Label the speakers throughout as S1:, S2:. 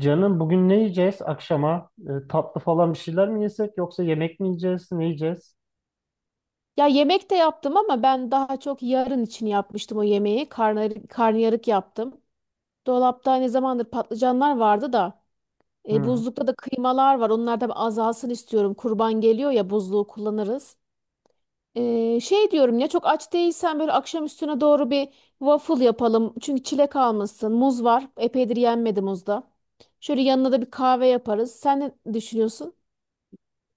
S1: Canım bugün ne yiyeceğiz akşama? Tatlı falan bir şeyler mi yesek yoksa yemek mi yiyeceğiz? Ne yiyeceğiz?
S2: Ya yemek de yaptım ama ben daha çok yarın için yapmıştım o yemeği. Karnıyarık yaptım. Dolapta ne zamandır patlıcanlar vardı da
S1: Hı.
S2: buzlukta da kıymalar var. Onlar da bir azalsın istiyorum. Kurban geliyor ya buzluğu kullanırız. Şey diyorum ya çok aç değilsen böyle akşam üstüne doğru bir waffle yapalım. Çünkü çilek almışsın. Muz var. Epeydir yenmedi muzda. Şöyle yanına da bir kahve yaparız. Sen ne düşünüyorsun?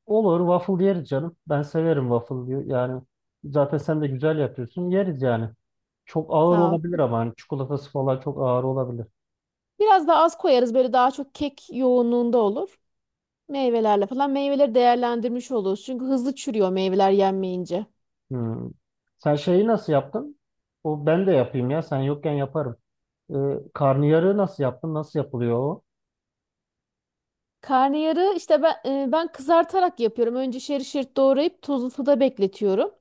S1: Olur, waffle yeriz canım. Ben severim waffle diyor. Yani zaten sen de güzel yapıyorsun. Yeriz yani. Çok ağır
S2: Sağ ol.
S1: olabilir ama hani çikolatası falan çok ağır olabilir.
S2: Biraz daha az koyarız böyle daha çok kek yoğunluğunda olur. Meyvelerle falan meyveleri değerlendirmiş oluyoruz. Çünkü hızlı çürüyor meyveler yenmeyince.
S1: Hı. Sen şeyi nasıl yaptın? O ben de yapayım ya. Sen yokken yaparım. E, karnıyarığı nasıl yaptın? Nasıl yapılıyor o?
S2: Karnıyarı işte ben kızartarak yapıyorum. Önce şerit şerit doğrayıp tuzlu suda bekletiyorum.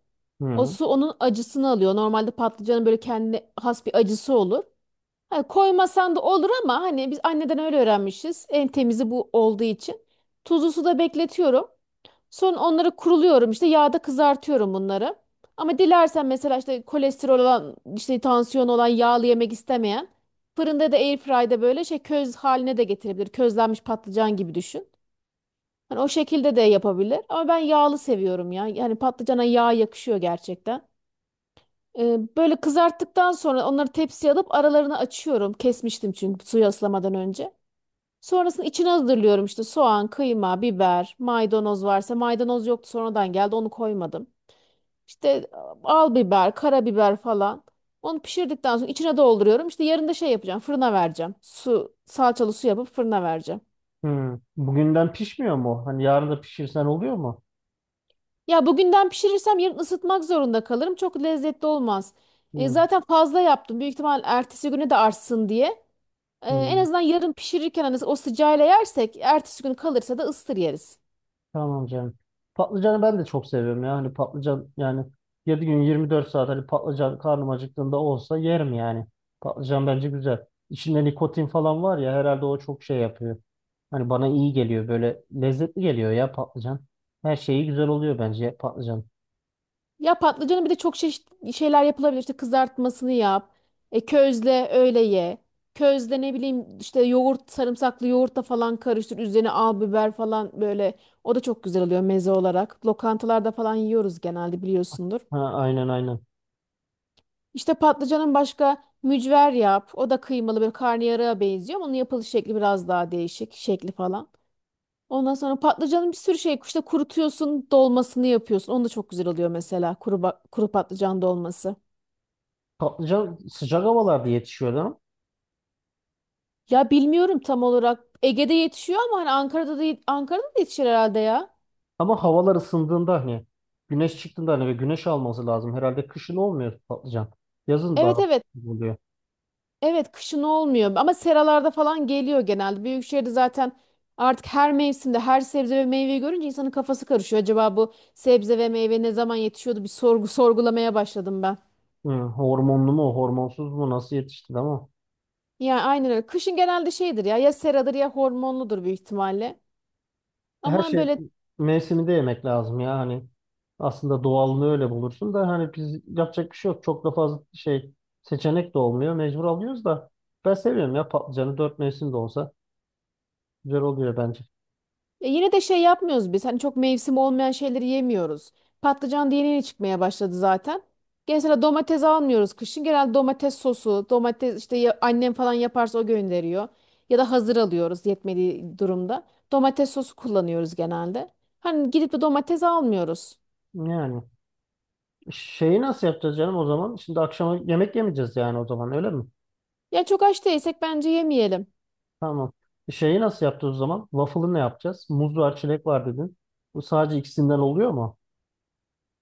S2: O
S1: Hı.
S2: su onun acısını alıyor. Normalde patlıcanın böyle kendine has bir acısı olur. Hani koymasan da olur ama hani biz anneden öyle öğrenmişiz. En temizi bu olduğu için. Tuzlu suda bekletiyorum. Sonra onları kuruluyorum işte yağda kızartıyorum bunları. Ama dilersen mesela işte kolesterol olan işte tansiyon olan yağlı yemek istemeyen fırında da airfryde böyle şey köz haline de getirebilir. Közlenmiş patlıcan gibi düşün. Hani o şekilde de yapabilir. Ama ben yağlı seviyorum ya. Yani patlıcana yağ yakışıyor gerçekten. Böyle kızarttıktan sonra onları tepsiye alıp aralarını açıyorum. Kesmiştim çünkü suyu ıslamadan önce. Sonrasında içine hazırlıyorum işte soğan, kıyma, biber, maydanoz varsa maydanoz yoktu sonradan geldi onu koymadım. İşte al biber, karabiber falan. Onu pişirdikten sonra içine dolduruyorum. İşte yarın da şey yapacağım fırına vereceğim. Su, salçalı su yapıp fırına vereceğim.
S1: Hı. Bugünden pişmiyor mu? Hani yarın da pişirsen oluyor mu?
S2: Ya bugünden pişirirsem yarın ısıtmak zorunda kalırım. Çok lezzetli olmaz.
S1: Hı.
S2: Zaten fazla yaptım. Büyük ihtimal ertesi güne de artsın diye. En
S1: Hı.
S2: azından yarın pişirirken hani o sıcağıyla yersek ertesi gün kalırsa da ıstır yeriz.
S1: Tamam canım. Patlıcanı ben de çok seviyorum ya. Hani patlıcan yani 7 gün 24 saat hani patlıcan karnım acıktığında olsa yerim yani. Patlıcan bence güzel. İçinde nikotin falan var ya, herhalde o çok şey yapıyor. Hani bana iyi geliyor, böyle lezzetli geliyor ya patlıcan. Her şeyi güzel oluyor bence patlıcan.
S2: Ya patlıcanı bir de çok çeşitli şeyler yapılabilir. İşte kızartmasını yap. Közle öyle ye. Közle ne bileyim işte yoğurt, sarımsaklı yoğurtla falan karıştır. Üzerine al biber falan böyle. O da çok güzel oluyor meze olarak. Lokantalarda falan yiyoruz genelde biliyorsundur.
S1: Ha, aynen aynen.
S2: İşte patlıcanın başka mücver yap. O da kıymalı böyle karnıyarığa benziyor. Onun yapılış şekli biraz daha değişik. Şekli falan. Ondan sonra patlıcanın bir sürü şey işte kurutuyorsun, dolmasını yapıyorsun. Onu da çok güzel oluyor mesela kuru patlıcan dolması.
S1: Patlıcan sıcak havalarda yetişiyor değil mi?
S2: Ya bilmiyorum tam olarak. Ege'de yetişiyor ama hani Ankara'da da yetişir herhalde ya.
S1: Ama havalar ısındığında hani güneş çıktığında hani ve güneş alması lazım. Herhalde kışın olmuyor patlıcan. Yazın
S2: Evet
S1: daha
S2: evet.
S1: oluyor.
S2: Evet kışın olmuyor ama seralarda falan geliyor genelde. Büyükşehir'de zaten artık her mevsimde her sebze ve meyveyi görünce insanın kafası karışıyor. Acaba bu sebze ve meyve ne zaman yetişiyordu bir sorgulamaya başladım ben.
S1: Hı, hormonlu mu, hormonsuz mu, nasıl yetişti ama
S2: Yani aynen öyle. Kışın genelde şeydir ya ya seradır ya hormonludur büyük ihtimalle.
S1: her
S2: Ama
S1: şey
S2: böyle
S1: mevsiminde yemek lazım ya hani, aslında doğalını öyle bulursun da hani biz yapacak bir şey yok. Çok da fazla şey, seçenek de olmuyor. Mecbur alıyoruz da ben seviyorum ya patlıcanı, 4 mevsim de olsa güzel oluyor bence.
S2: ya yine de şey yapmıyoruz biz. Hani çok mevsim olmayan şeyleri yemiyoruz. Patlıcan da yeni yeni çıkmaya başladı zaten. Genelde domates almıyoruz kışın. Genelde domates sosu, domates işte annem falan yaparsa o gönderiyor. Ya da hazır alıyoruz yetmediği durumda. Domates sosu kullanıyoruz genelde. Hani gidip de domates almıyoruz.
S1: Yani şeyi nasıl yapacağız canım o zaman? Şimdi akşama yemek yemeyeceğiz yani o zaman, öyle mi?
S2: Ya çok aç değilsek bence yemeyelim.
S1: Tamam. Şeyi nasıl yapacağız o zaman? Waffle'ı ne yapacağız? Muz var, çilek var dedin. Bu sadece ikisinden oluyor mu?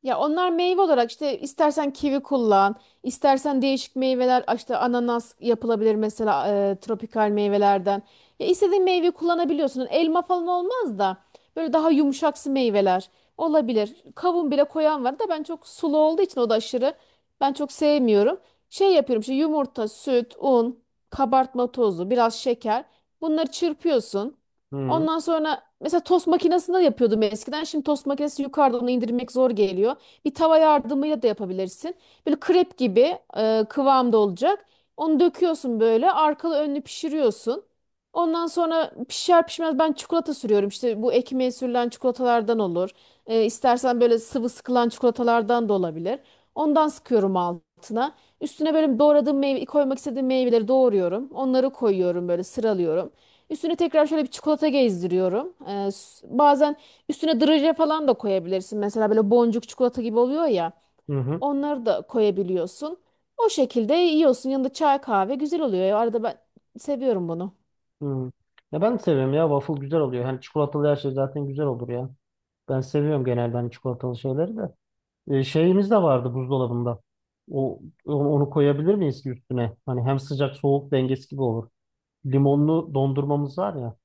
S2: Ya onlar meyve olarak işte istersen kivi kullan, istersen değişik meyveler işte ananas yapılabilir mesela tropikal meyvelerden. Ya istediğin meyve kullanabiliyorsun. Elma falan olmaz da böyle daha yumuşaksı meyveler olabilir. Kavun bile koyan var da ben çok sulu olduğu için o da aşırı ben çok sevmiyorum. Şey yapıyorum işte yumurta, süt, un, kabartma tozu, biraz şeker. Bunları çırpıyorsun.
S1: Hı
S2: Ondan sonra mesela tost makinesinde yapıyordum eskiden. Şimdi tost makinesi yukarıdan onu indirmek zor geliyor. Bir tava yardımıyla da yapabilirsin. Böyle krep gibi kıvamda olacak. Onu döküyorsun böyle arkalı önlü pişiriyorsun. Ondan sonra pişer pişmez ben çikolata sürüyorum. İşte bu ekmeğe sürülen çikolatalardan olur. İstersen böyle sıvı sıkılan çikolatalardan da olabilir. Ondan sıkıyorum altına. Üstüne böyle doğradığım meyve, koymak istediğim meyveleri doğruyorum. Onları koyuyorum böyle sıralıyorum. Üstüne tekrar şöyle bir çikolata gezdiriyorum. Bazen üstüne draje falan da koyabilirsin. Mesela böyle boncuk çikolata gibi oluyor ya.
S1: hı. Hı.
S2: Onları da koyabiliyorsun. O şekilde yiyorsun. Yanında çay kahve güzel oluyor. Ya, arada ben seviyorum bunu.
S1: Hmm. Ya ben de seviyorum ya. Waffle güzel oluyor. Hani çikolatalı her şey zaten güzel olur ya. Ben seviyorum genelde hani çikolatalı şeyleri de. Şeyimiz de vardı buzdolabında. O, onu koyabilir miyiz ki üstüne? Hani hem sıcak soğuk dengesi gibi olur. Limonlu dondurmamız var ya.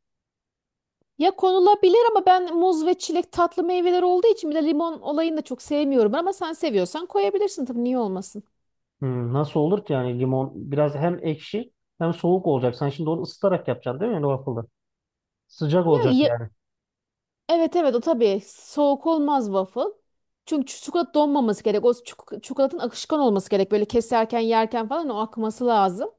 S2: Ya konulabilir ama ben muz ve çilek tatlı meyveler olduğu için bir de limon olayını da çok sevmiyorum. Ama sen seviyorsan koyabilirsin tabii niye olmasın.
S1: Hmm, nasıl olur ki yani, limon biraz hem ekşi hem soğuk olacak. Sen şimdi onu ısıtarak yapacaksın değil mi yani, waffle'ı? Sıcak olacak
S2: Ya
S1: yani.
S2: Evet evet o tabii soğuk olmaz waffle. Çünkü çikolata donmaması gerek. O çikolatanın akışkan olması gerek. Böyle keserken yerken falan o akması lazım.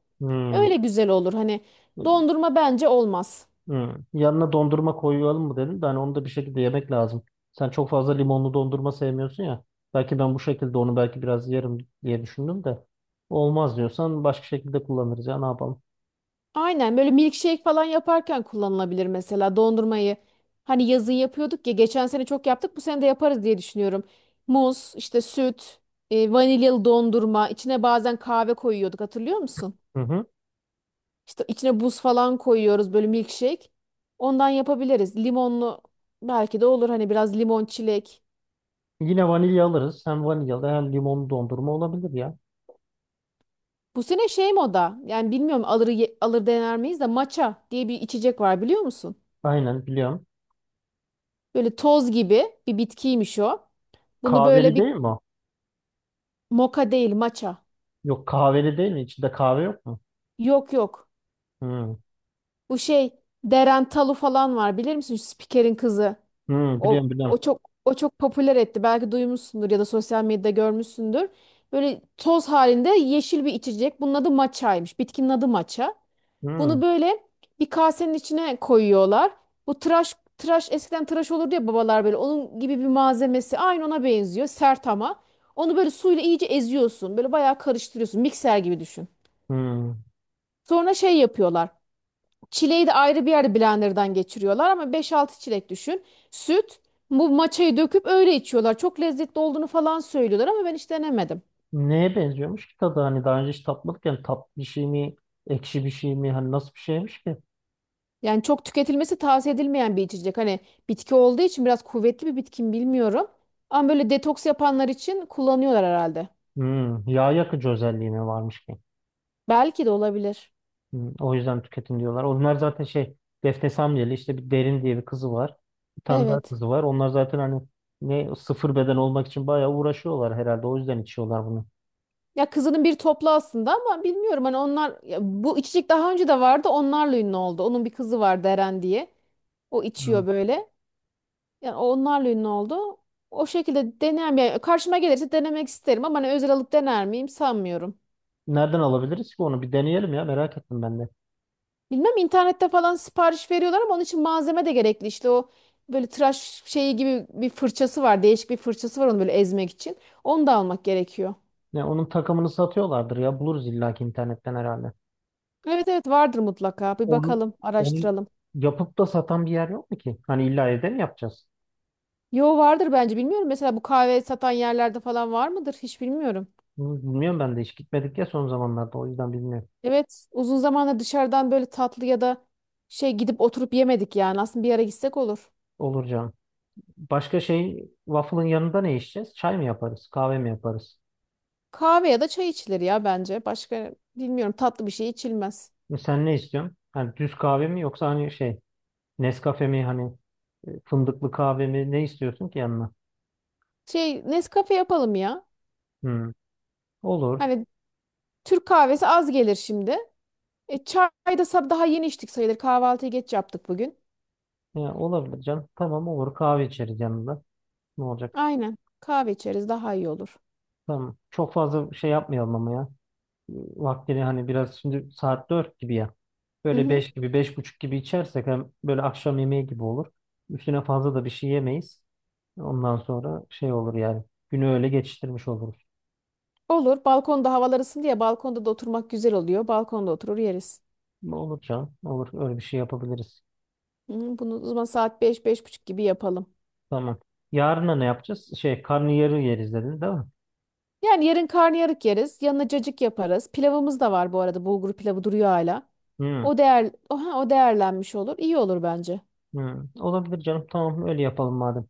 S2: Öyle güzel olur. Hani
S1: Hmm.
S2: dondurma bence olmaz.
S1: Hı. Yanına dondurma koyalım mı dedim de hani onu da bir şekilde yemek lazım. Sen çok fazla limonlu dondurma sevmiyorsun ya. Belki ben bu şekilde onu belki biraz yerim diye düşündüm de. Olmaz diyorsan başka şekilde kullanırız ya, ne yapalım.
S2: Aynen böyle milkshake falan yaparken kullanılabilir mesela dondurmayı. Hani yazın yapıyorduk ya geçen sene çok yaptık bu sene de yaparız diye düşünüyorum. Muz, işte süt, vanilyalı dondurma, içine bazen kahve koyuyorduk hatırlıyor musun?
S1: Hı hı.
S2: İşte içine buz falan koyuyoruz böyle milkshake. Ondan yapabiliriz. Limonlu belki de olur hani biraz limon çilek.
S1: Yine vanilya alırız. Hem vanilyalı hem limonlu dondurma olabilir ya.
S2: Bu sene şey moda yani bilmiyorum alır dener miyiz de matcha diye bir içecek var biliyor musun?
S1: Aynen, biliyorum.
S2: Böyle toz gibi bir bitkiymiş o. Bunu böyle
S1: Kahveli
S2: bir
S1: değil mi o?
S2: moka değil matcha.
S1: Yok, kahveli değil mi? İçinde kahve yok mu?
S2: Yok yok.
S1: Hı.
S2: Bu şey Deren Talu falan var bilir misin? Şu spikerin kızı.
S1: Hı,
S2: O,
S1: biliyorum biliyorum.
S2: o çok o çok popüler etti. Belki duymuşsundur ya da sosyal medyada görmüşsündür. Böyle toz halinde yeşil bir içecek. Bunun adı matchaymış. Bitkinin adı matcha.
S1: Hı.
S2: Bunu böyle bir kasenin içine koyuyorlar. Bu tıraş eskiden tıraş olurdu ya babalar böyle. Onun gibi bir malzemesi aynı ona benziyor. Sert ama. Onu böyle suyla iyice eziyorsun. Böyle bayağı karıştırıyorsun. Mikser gibi düşün.
S1: Hı.
S2: Sonra şey yapıyorlar. Çileği de ayrı bir yerde blenderdan geçiriyorlar ama beş altı çilek düşün. Süt, bu maçayı döküp öyle içiyorlar. Çok lezzetli olduğunu falan söylüyorlar ama ben hiç denemedim.
S1: Neye benziyormuş ki tadı? Hani daha önce hiç tatmadık yani, tatlı bir şey mi? Ekşi bir şey mi? Hani nasıl bir şeymiş ki?
S2: Yani çok tüketilmesi tavsiye edilmeyen bir içecek. Hani bitki olduğu için biraz kuvvetli bir bitki mi bilmiyorum. Ama böyle detoks yapanlar için kullanıyorlar herhalde.
S1: Hmm, yağ yakıcı özelliğine varmış ki.
S2: Belki de olabilir.
S1: Hmm, o yüzden tüketin diyorlar. Onlar zaten şey, Defne Samyeli, işte bir Derin diye bir kızı var. Bir tane daha
S2: Evet.
S1: kızı var. Onlar zaten hani ne, 0 beden olmak için bayağı uğraşıyorlar herhalde. O yüzden içiyorlar bunu.
S2: Ya kızının bir toplu aslında ama bilmiyorum hani onlar ya bu içecek daha önce de vardı onlarla ünlü oldu. Onun bir kızı vardı Eren diye. O
S1: Hmm.
S2: içiyor böyle. Yani onlarla ünlü oldu. O şekilde deneyen yani karşıma gelirse denemek isterim ama hani özel alıp dener miyim sanmıyorum.
S1: Nereden alabiliriz ki onu? Bir deneyelim ya, merak ettim ben de.
S2: Bilmem internette falan sipariş veriyorlar ama onun için malzeme de gerekli. İşte o böyle tıraş şeyi gibi bir fırçası var. Değişik bir fırçası var onu böyle ezmek için. Onu da almak gerekiyor.
S1: Ya onun takımını satıyorlardır ya. Buluruz illaki internetten herhalde.
S2: Evet evet vardır mutlaka. Bir
S1: Onu,
S2: bakalım,
S1: onu
S2: araştıralım.
S1: yapıp da satan bir yer yok mu ki? Hani illa evde mi yapacağız?
S2: Yo vardır bence bilmiyorum. Mesela bu kahve satan yerlerde falan var mıdır? Hiç bilmiyorum.
S1: Hmm, bilmiyorum ben de, hiç gitmedik ya son zamanlarda. O yüzden bilmiyorum.
S2: Evet uzun zamandır dışarıdan böyle tatlı ya da şey gidip oturup yemedik yani. Aslında bir ara gitsek olur.
S1: Olur canım. Başka, şey, waffle'ın yanında ne içeceğiz? Çay mı yaparız? Kahve mi yaparız?
S2: Kahve ya da çay içilir ya bence. Başka bilmiyorum tatlı bir şey içilmez.
S1: Sen ne istiyorsun? Hani düz kahve mi yoksa hani şey, Nescafe mi, hani fındıklı kahve mi, ne istiyorsun ki yanına?
S2: Şey Nescafe yapalım ya.
S1: Hmm, olur.
S2: Hani Türk kahvesi az gelir şimdi. Çay da daha yeni içtik sayılır. Kahvaltıyı geç yaptık bugün.
S1: Ya, olabilir canım. Tamam, olur kahve içeriz yanında. Ne olacak?
S2: Aynen. Kahve içeriz daha iyi olur.
S1: Tamam. Çok fazla şey yapmayalım ama ya. Vaktini hani biraz, şimdi saat 4 gibi ya.
S2: Hı
S1: Böyle
S2: hı.
S1: 5 gibi, 5.30 gibi içersek hem böyle akşam yemeği gibi olur. Üstüne fazla da bir şey yemeyiz. Ondan sonra şey olur yani. Günü öyle geçiştirmiş oluruz.
S2: Olur. Balkonda havalar ısındı ya balkonda da oturmak güzel oluyor. Balkonda oturur yeriz.
S1: Olur canım. Olur. Öyle bir şey yapabiliriz.
S2: Hı, bunu o zaman saat 5 beş buçuk gibi yapalım.
S1: Tamam. Yarına ne yapacağız? Şey, karnıyarı yeriz dedin değil mi?
S2: Yani yarın karnıyarık yeriz. Yanına cacık yaparız. Pilavımız da var bu arada. Bulgur pilavı duruyor hala.
S1: Hmm.
S2: O değerlenmiş olur. İyi olur bence.
S1: Hmm. Olabilir canım. Tamam, öyle yapalım madem.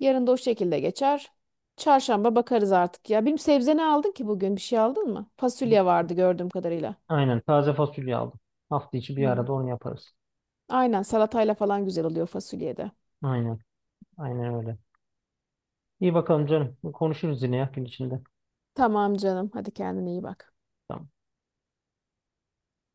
S2: Yarın da o şekilde geçer. Çarşamba bakarız artık ya. Benim sebze ne aldın ki bugün? Bir şey aldın mı?
S1: Bu-
S2: Fasulye vardı gördüğüm kadarıyla.
S1: Aynen. Taze fasulye aldım. Hafta içi bir
S2: Hmm.
S1: arada onu yaparız.
S2: Aynen salatayla falan güzel oluyor fasulyede.
S1: Aynen. Aynen öyle. İyi bakalım canım. Konuşuruz yine ya gün içinde.
S2: Tamam canım. Hadi kendine iyi bak.
S1: Tamam.